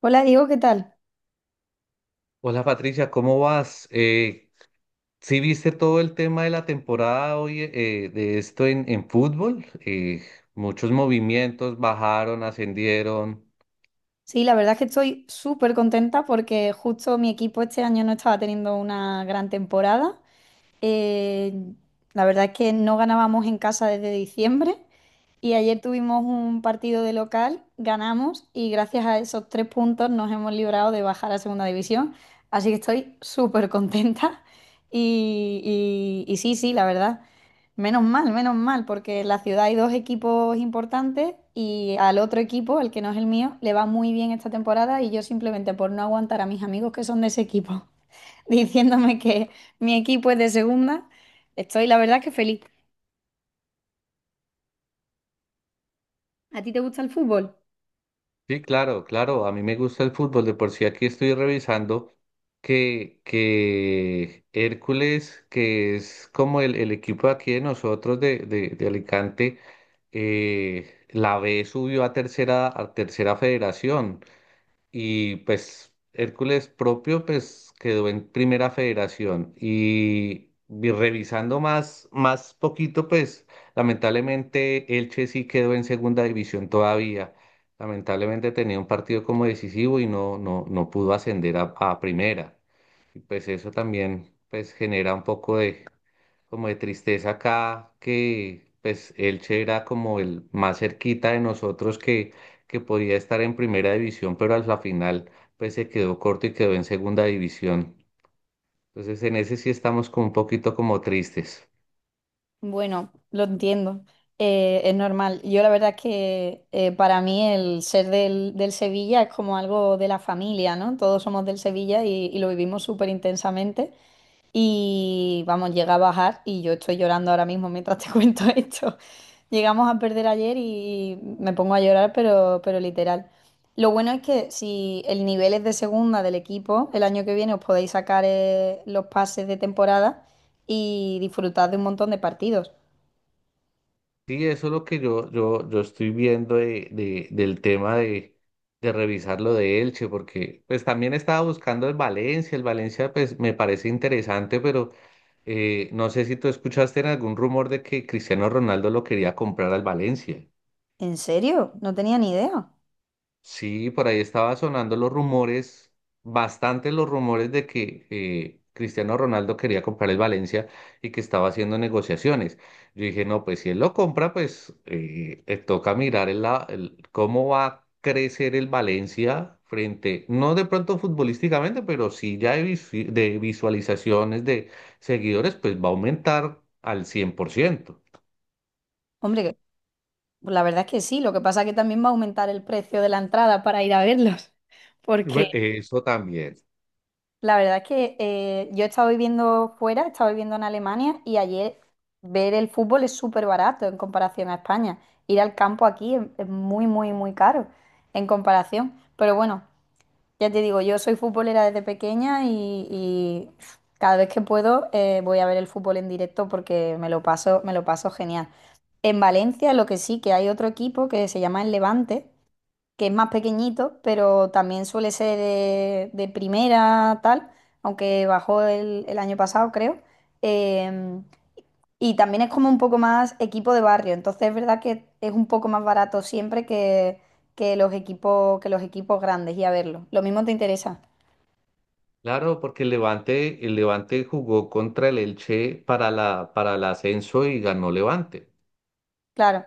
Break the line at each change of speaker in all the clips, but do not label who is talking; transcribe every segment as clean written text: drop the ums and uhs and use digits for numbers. Hola Diego, ¿qué tal?
Hola Patricia, ¿cómo vas? ¿Sí viste todo el tema de la temporada hoy de esto en fútbol? Muchos movimientos bajaron, ascendieron.
Sí, la verdad es que estoy súper contenta porque justo mi equipo este año no estaba teniendo una gran temporada. Eh, la verdad es que no ganábamos en casa desde diciembre. Y ayer tuvimos un partido de local, ganamos y gracias a esos tres puntos nos hemos librado de bajar a segunda división. Así que estoy súper contenta. Y sí, sí, la verdad. Menos mal, porque en la ciudad hay dos equipos importantes y al otro equipo, el que no es el mío, le va muy bien esta temporada y yo simplemente por no aguantar a mis amigos que son de ese equipo diciéndome que mi equipo es de segunda, estoy la verdad que feliz. ¿A ti te gusta el fútbol?
Sí, claro, claro, a mí me gusta el fútbol. De por sí aquí estoy revisando que Hércules, que es como el equipo de aquí de nosotros de Alicante, la B subió a tercera federación. Y pues Hércules propio pues quedó en primera federación y, revisando más, más poquito pues lamentablemente Elche sí quedó en segunda división todavía. Lamentablemente tenía un partido como decisivo y no pudo ascender a primera. Y pues eso también pues genera un poco de como de tristeza acá, que pues Elche era como el más cerquita de nosotros que podía estar en primera división, pero a la final pues se quedó corto y quedó en segunda división. Entonces en ese sí estamos como un poquito como tristes.
Bueno, lo entiendo. Es normal. Yo la verdad es que para mí el ser del Sevilla es como algo de la familia, ¿no? Todos somos del Sevilla y lo vivimos súper intensamente. Y vamos, llega a bajar y yo estoy llorando ahora mismo mientras te cuento esto. Llegamos a perder ayer y me pongo a llorar, pero literal. Lo bueno es que si el nivel es de segunda del equipo, el año que viene os podéis sacar los pases de temporada y disfrutad de un montón de partidos.
Sí, eso es lo que yo estoy viendo del tema de revisar lo de Elche, porque pues también estaba buscando el Valencia pues me parece interesante, pero no sé si tú escuchaste en algún rumor de que Cristiano Ronaldo lo quería comprar al Valencia.
¿En serio? No tenía ni idea.
Sí, por ahí estaba sonando los rumores, bastante los rumores de que Cristiano Ronaldo quería comprar el Valencia y que estaba haciendo negociaciones. Yo dije, no, pues si él lo compra, pues toca mirar cómo va a crecer el Valencia frente, no de pronto futbolísticamente, pero sí ya de de visualizaciones, de seguidores, pues va a aumentar al 100%.
Hombre, pues la verdad es que sí, lo que pasa es que también va a aumentar el precio de la entrada para ir a verlos, porque
Eso también.
la verdad es que yo he estado viviendo fuera, he estado viviendo en Alemania y ayer ver el fútbol es súper barato en comparación a España. Ir al campo aquí es muy, muy, muy caro en comparación. Pero bueno, ya te digo, yo soy futbolera desde pequeña y cada vez que puedo voy a ver el fútbol en directo porque me lo paso genial. En Valencia lo que sí, que hay otro equipo que se llama el Levante, que es más pequeñito, pero también suele ser de primera tal, aunque bajó el año pasado, creo. Em, y también es como un poco más equipo de barrio, entonces es verdad que es un poco más barato siempre que, que los equipos grandes y a verlo. Lo mismo te interesa.
Claro, porque el Levante jugó contra el Elche para la, para el ascenso y ganó Levante.
Claro,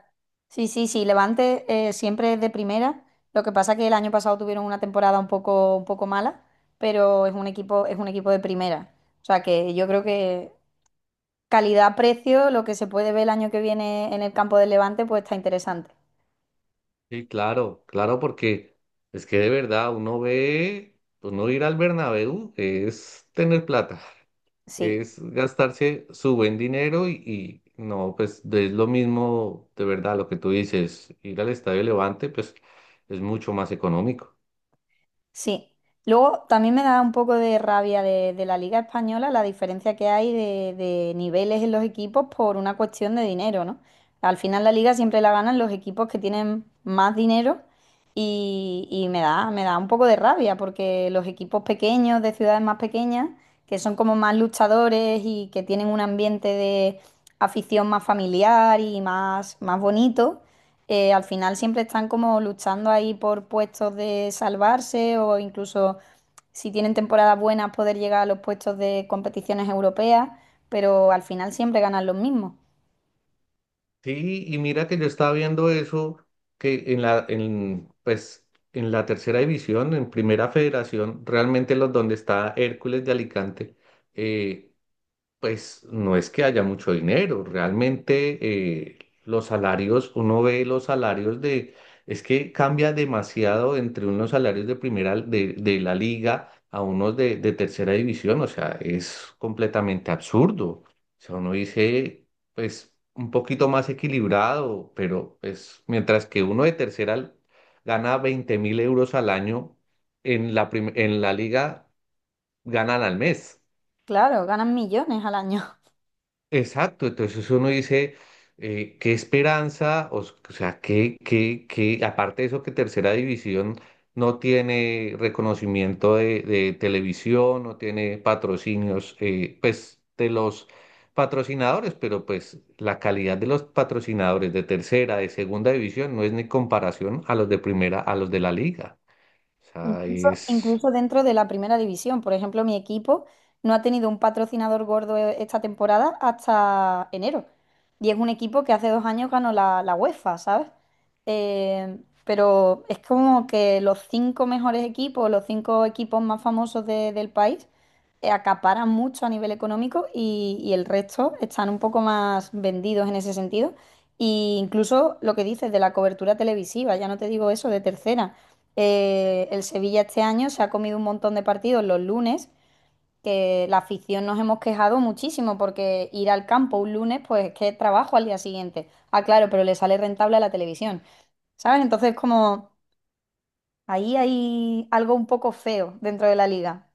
sí, sí, sí, Levante siempre es de primera. Lo que pasa que el año pasado tuvieron una temporada un poco mala, pero es un equipo de primera. O sea que yo creo que calidad-precio, lo que se puede ver el año que viene en el campo del Levante, pues está interesante.
Sí, claro, claro, porque es que de verdad uno ve, uno ir al Bernabéu es tener plata,
Sí.
es gastarse su buen dinero y no, pues es lo mismo, de verdad, lo que tú dices, ir al Estadio Levante, pues es mucho más económico.
Sí. Luego también me da un poco de rabia de la Liga Española la diferencia que hay de niveles en los equipos por una cuestión de dinero, ¿no? Al final la liga siempre la ganan los equipos que tienen más dinero y me da un poco de rabia porque los equipos pequeños de ciudades más pequeñas, que son como más luchadores y que tienen un ambiente de afición más familiar y más, más bonito, al final siempre están como luchando ahí por puestos de salvarse o incluso si tienen temporadas buenas poder llegar a los puestos de competiciones europeas, pero al final siempre ganan los mismos.
Sí, y mira que yo estaba viendo eso, que en pues, en la tercera división, en primera federación, realmente los donde está Hércules de Alicante, eh, pues no es que haya mucho dinero, realmente los salarios, uno ve los salarios de, es que cambia demasiado entre unos salarios de primera, de la liga a unos de tercera división, o sea, es completamente absurdo. O sea, uno dice, pues un poquito más equilibrado, pero pues mientras que uno de tercera gana 20.000 euros al año, en en la liga ganan al mes.
Claro, ganan millones al año.
Exacto, entonces uno dice, qué esperanza, o sea, que, aparte de eso que Tercera División no tiene reconocimiento de televisión, no tiene patrocinios, pues de los patrocinadores, pero pues la calidad de los patrocinadores de Tercera, de Segunda División no es ni comparación a los de Primera, a los de la Liga. O sea,
Incluso,
es...
incluso dentro de la primera división. Por ejemplo, mi equipo no ha tenido un patrocinador gordo esta temporada hasta enero. Y es un equipo que hace 2 años ganó la UEFA, ¿sabes? Eh, pero es como que los cinco mejores equipos, los cinco equipos más famosos del país, acaparan mucho a nivel económico y el resto están un poco más vendidos en ese sentido. Y incluso lo que dices de la cobertura televisiva, ya no te digo eso de tercera. El Sevilla este año se ha comido un montón de partidos los lunes, que la afición nos hemos quejado muchísimo porque ir al campo un lunes, pues es que es trabajo al día siguiente. Ah, claro, pero le sale rentable a la televisión, ¿sabes? Entonces como ahí hay algo un poco feo dentro de la liga.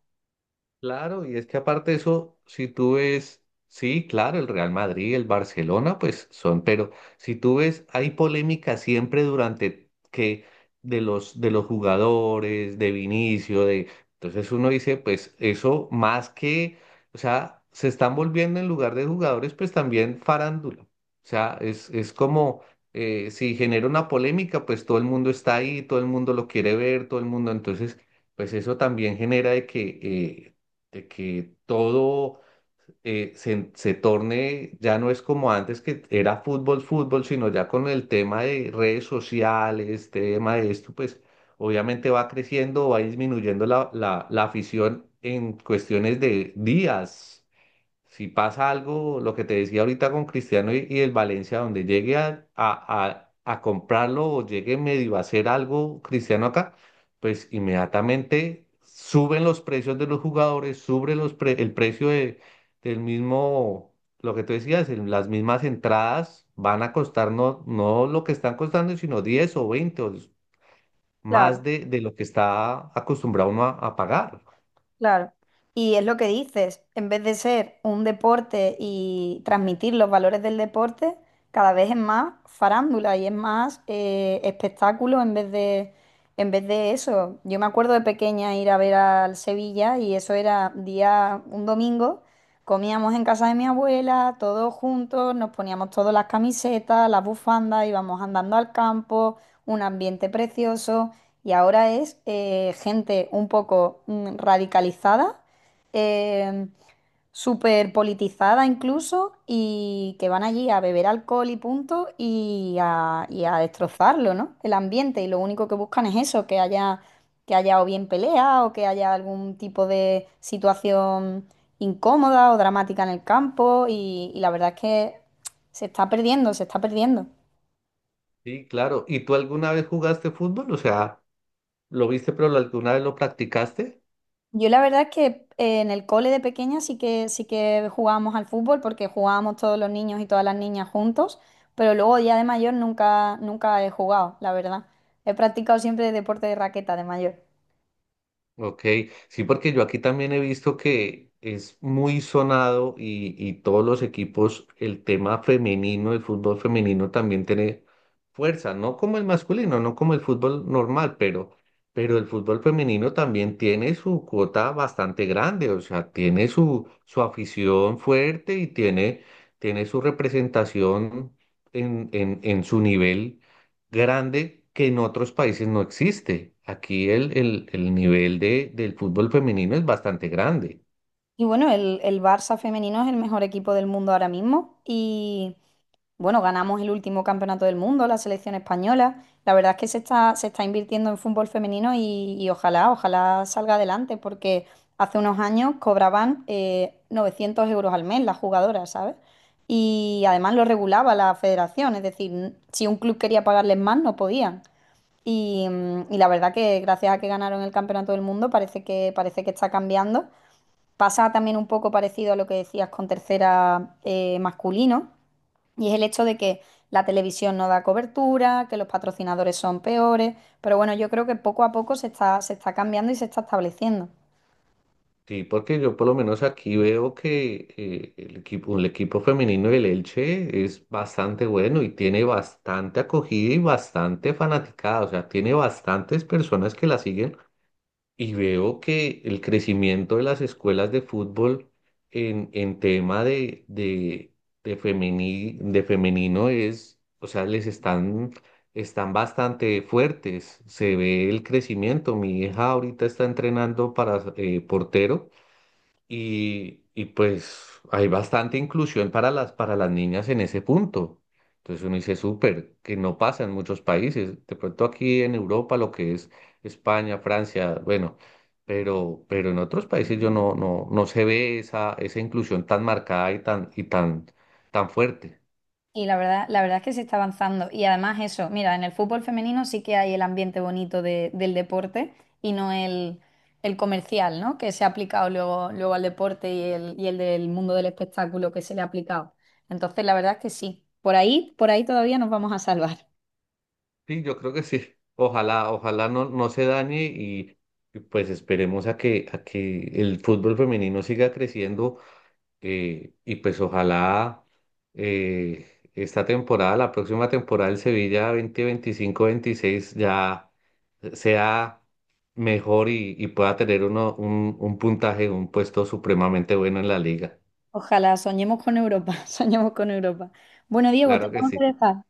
Claro, y es que aparte de eso, si tú ves, sí, claro, el Real Madrid, el Barcelona, pues son, pero si tú ves, hay polémica siempre durante que de los jugadores, de Vinicio, de entonces uno dice, pues eso más que, o sea, se están volviendo en lugar de jugadores, pues también farándula. O sea, es como si genera una polémica, pues todo el mundo está ahí, todo el mundo lo quiere ver, todo el mundo, entonces pues eso también genera de que todo se torne, ya no es como antes que era fútbol, fútbol, sino ya con el tema de redes sociales, tema de esto, pues obviamente va creciendo, va disminuyendo la afición en cuestiones de días. Si pasa algo, lo que te decía ahorita con Cristiano y el Valencia, donde llegue a comprarlo o llegue medio a hacer algo Cristiano acá, pues inmediatamente suben los precios de los jugadores, sube los el precio de, del mismo, lo que tú decías, el- las mismas entradas van a costar no, no lo que están costando, sino 10 o 20 o más
Claro.
de lo que está acostumbrado uno a pagar.
Claro. Y es lo que dices, en vez de ser un deporte y transmitir los valores del deporte, cada vez es más farándula y es más espectáculo en vez de, eso. Yo me acuerdo de pequeña ir a ver al Sevilla y eso era día, un domingo, comíamos en casa de mi abuela, todos juntos, nos poníamos todas las camisetas, las bufandas, íbamos andando al campo, un ambiente precioso. Y ahora es gente un poco radicalizada, eh, súper politizada incluso, y que van allí a beber alcohol y punto y a destrozarlo, ¿no? El ambiente. Y lo único que buscan es eso, que haya o bien pelea o que haya algún tipo de situación incómoda o dramática en el campo. Y la verdad es que se está perdiendo, se está perdiendo.
Sí, claro. ¿Y tú alguna vez jugaste fútbol? O sea... ¿Lo viste, pero alguna vez lo practicaste?
Yo la verdad es que en el cole de pequeña sí que jugábamos al fútbol porque jugábamos todos los niños y todas las niñas juntos, pero luego ya de mayor nunca nunca he jugado, la verdad. He practicado siempre deporte de raqueta de mayor.
Ok, sí, porque yo aquí también he visto que es muy sonado y todos los equipos, el tema femenino, el fútbol femenino también tiene fuerza, no como el masculino, no como el fútbol normal, pero el fútbol femenino también tiene su cuota bastante grande, o sea, tiene su afición fuerte y tiene, tiene su representación en, en su nivel grande que en otros países no existe. Aquí el nivel de, del fútbol femenino es bastante grande.
Y bueno, el Barça femenino es el mejor equipo del mundo ahora mismo y bueno, ganamos el último campeonato del mundo, la selección española. La verdad es que se está invirtiendo en fútbol femenino y ojalá, ojalá salga adelante, porque hace unos años cobraban 900 euros al mes las jugadoras, ¿sabes? Y además lo regulaba la federación, es decir, si un club quería pagarles más, no podían. Y la verdad que gracias a que ganaron el campeonato del mundo, parece que está cambiando. Pasa también un poco parecido a lo que decías con tercera, masculino, y es el hecho de que la televisión no da cobertura, que los patrocinadores son peores, pero bueno, yo creo que poco a poco se está cambiando y se está estableciendo.
Sí, porque yo por lo menos aquí veo que el equipo femenino del Elche es bastante bueno y tiene bastante acogida y bastante fanaticada. O sea, tiene bastantes personas que la siguen. Y veo que el crecimiento de las escuelas de fútbol en tema de femenino es, o sea, les están, están bastante fuertes. Se ve el crecimiento. Mi hija ahorita está entrenando para portero y pues hay bastante inclusión para las niñas en ese punto. Entonces uno dice, súper, que no pasa en muchos países. De pronto aquí en Europa, lo que es España, Francia, bueno, pero en otros países yo no se ve esa, esa inclusión tan marcada y tan, tan fuerte.
Y la verdad es que se está avanzando. Y además eso, mira, en el fútbol femenino sí que hay el ambiente bonito del deporte y no el comercial, ¿no? Que se ha aplicado luego al deporte y el del mundo del espectáculo que se le ha aplicado. Entonces, la verdad es que sí. Por ahí todavía nos vamos a salvar.
Sí, yo creo que sí. Ojalá, ojalá no se dañe y pues esperemos a que el fútbol femenino siga creciendo. Y pues ojalá esta temporada, la próxima temporada del Sevilla 2025-2026 ya sea mejor y pueda tener uno, un puntaje, un puesto supremamente bueno en la liga.
Ojalá, soñemos con Europa, soñemos con Europa. Bueno, Diego,
Claro que
tenemos
sí.
que dejar.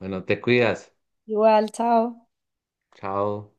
Bueno, te cuidas.
Igual, chao.
Chao.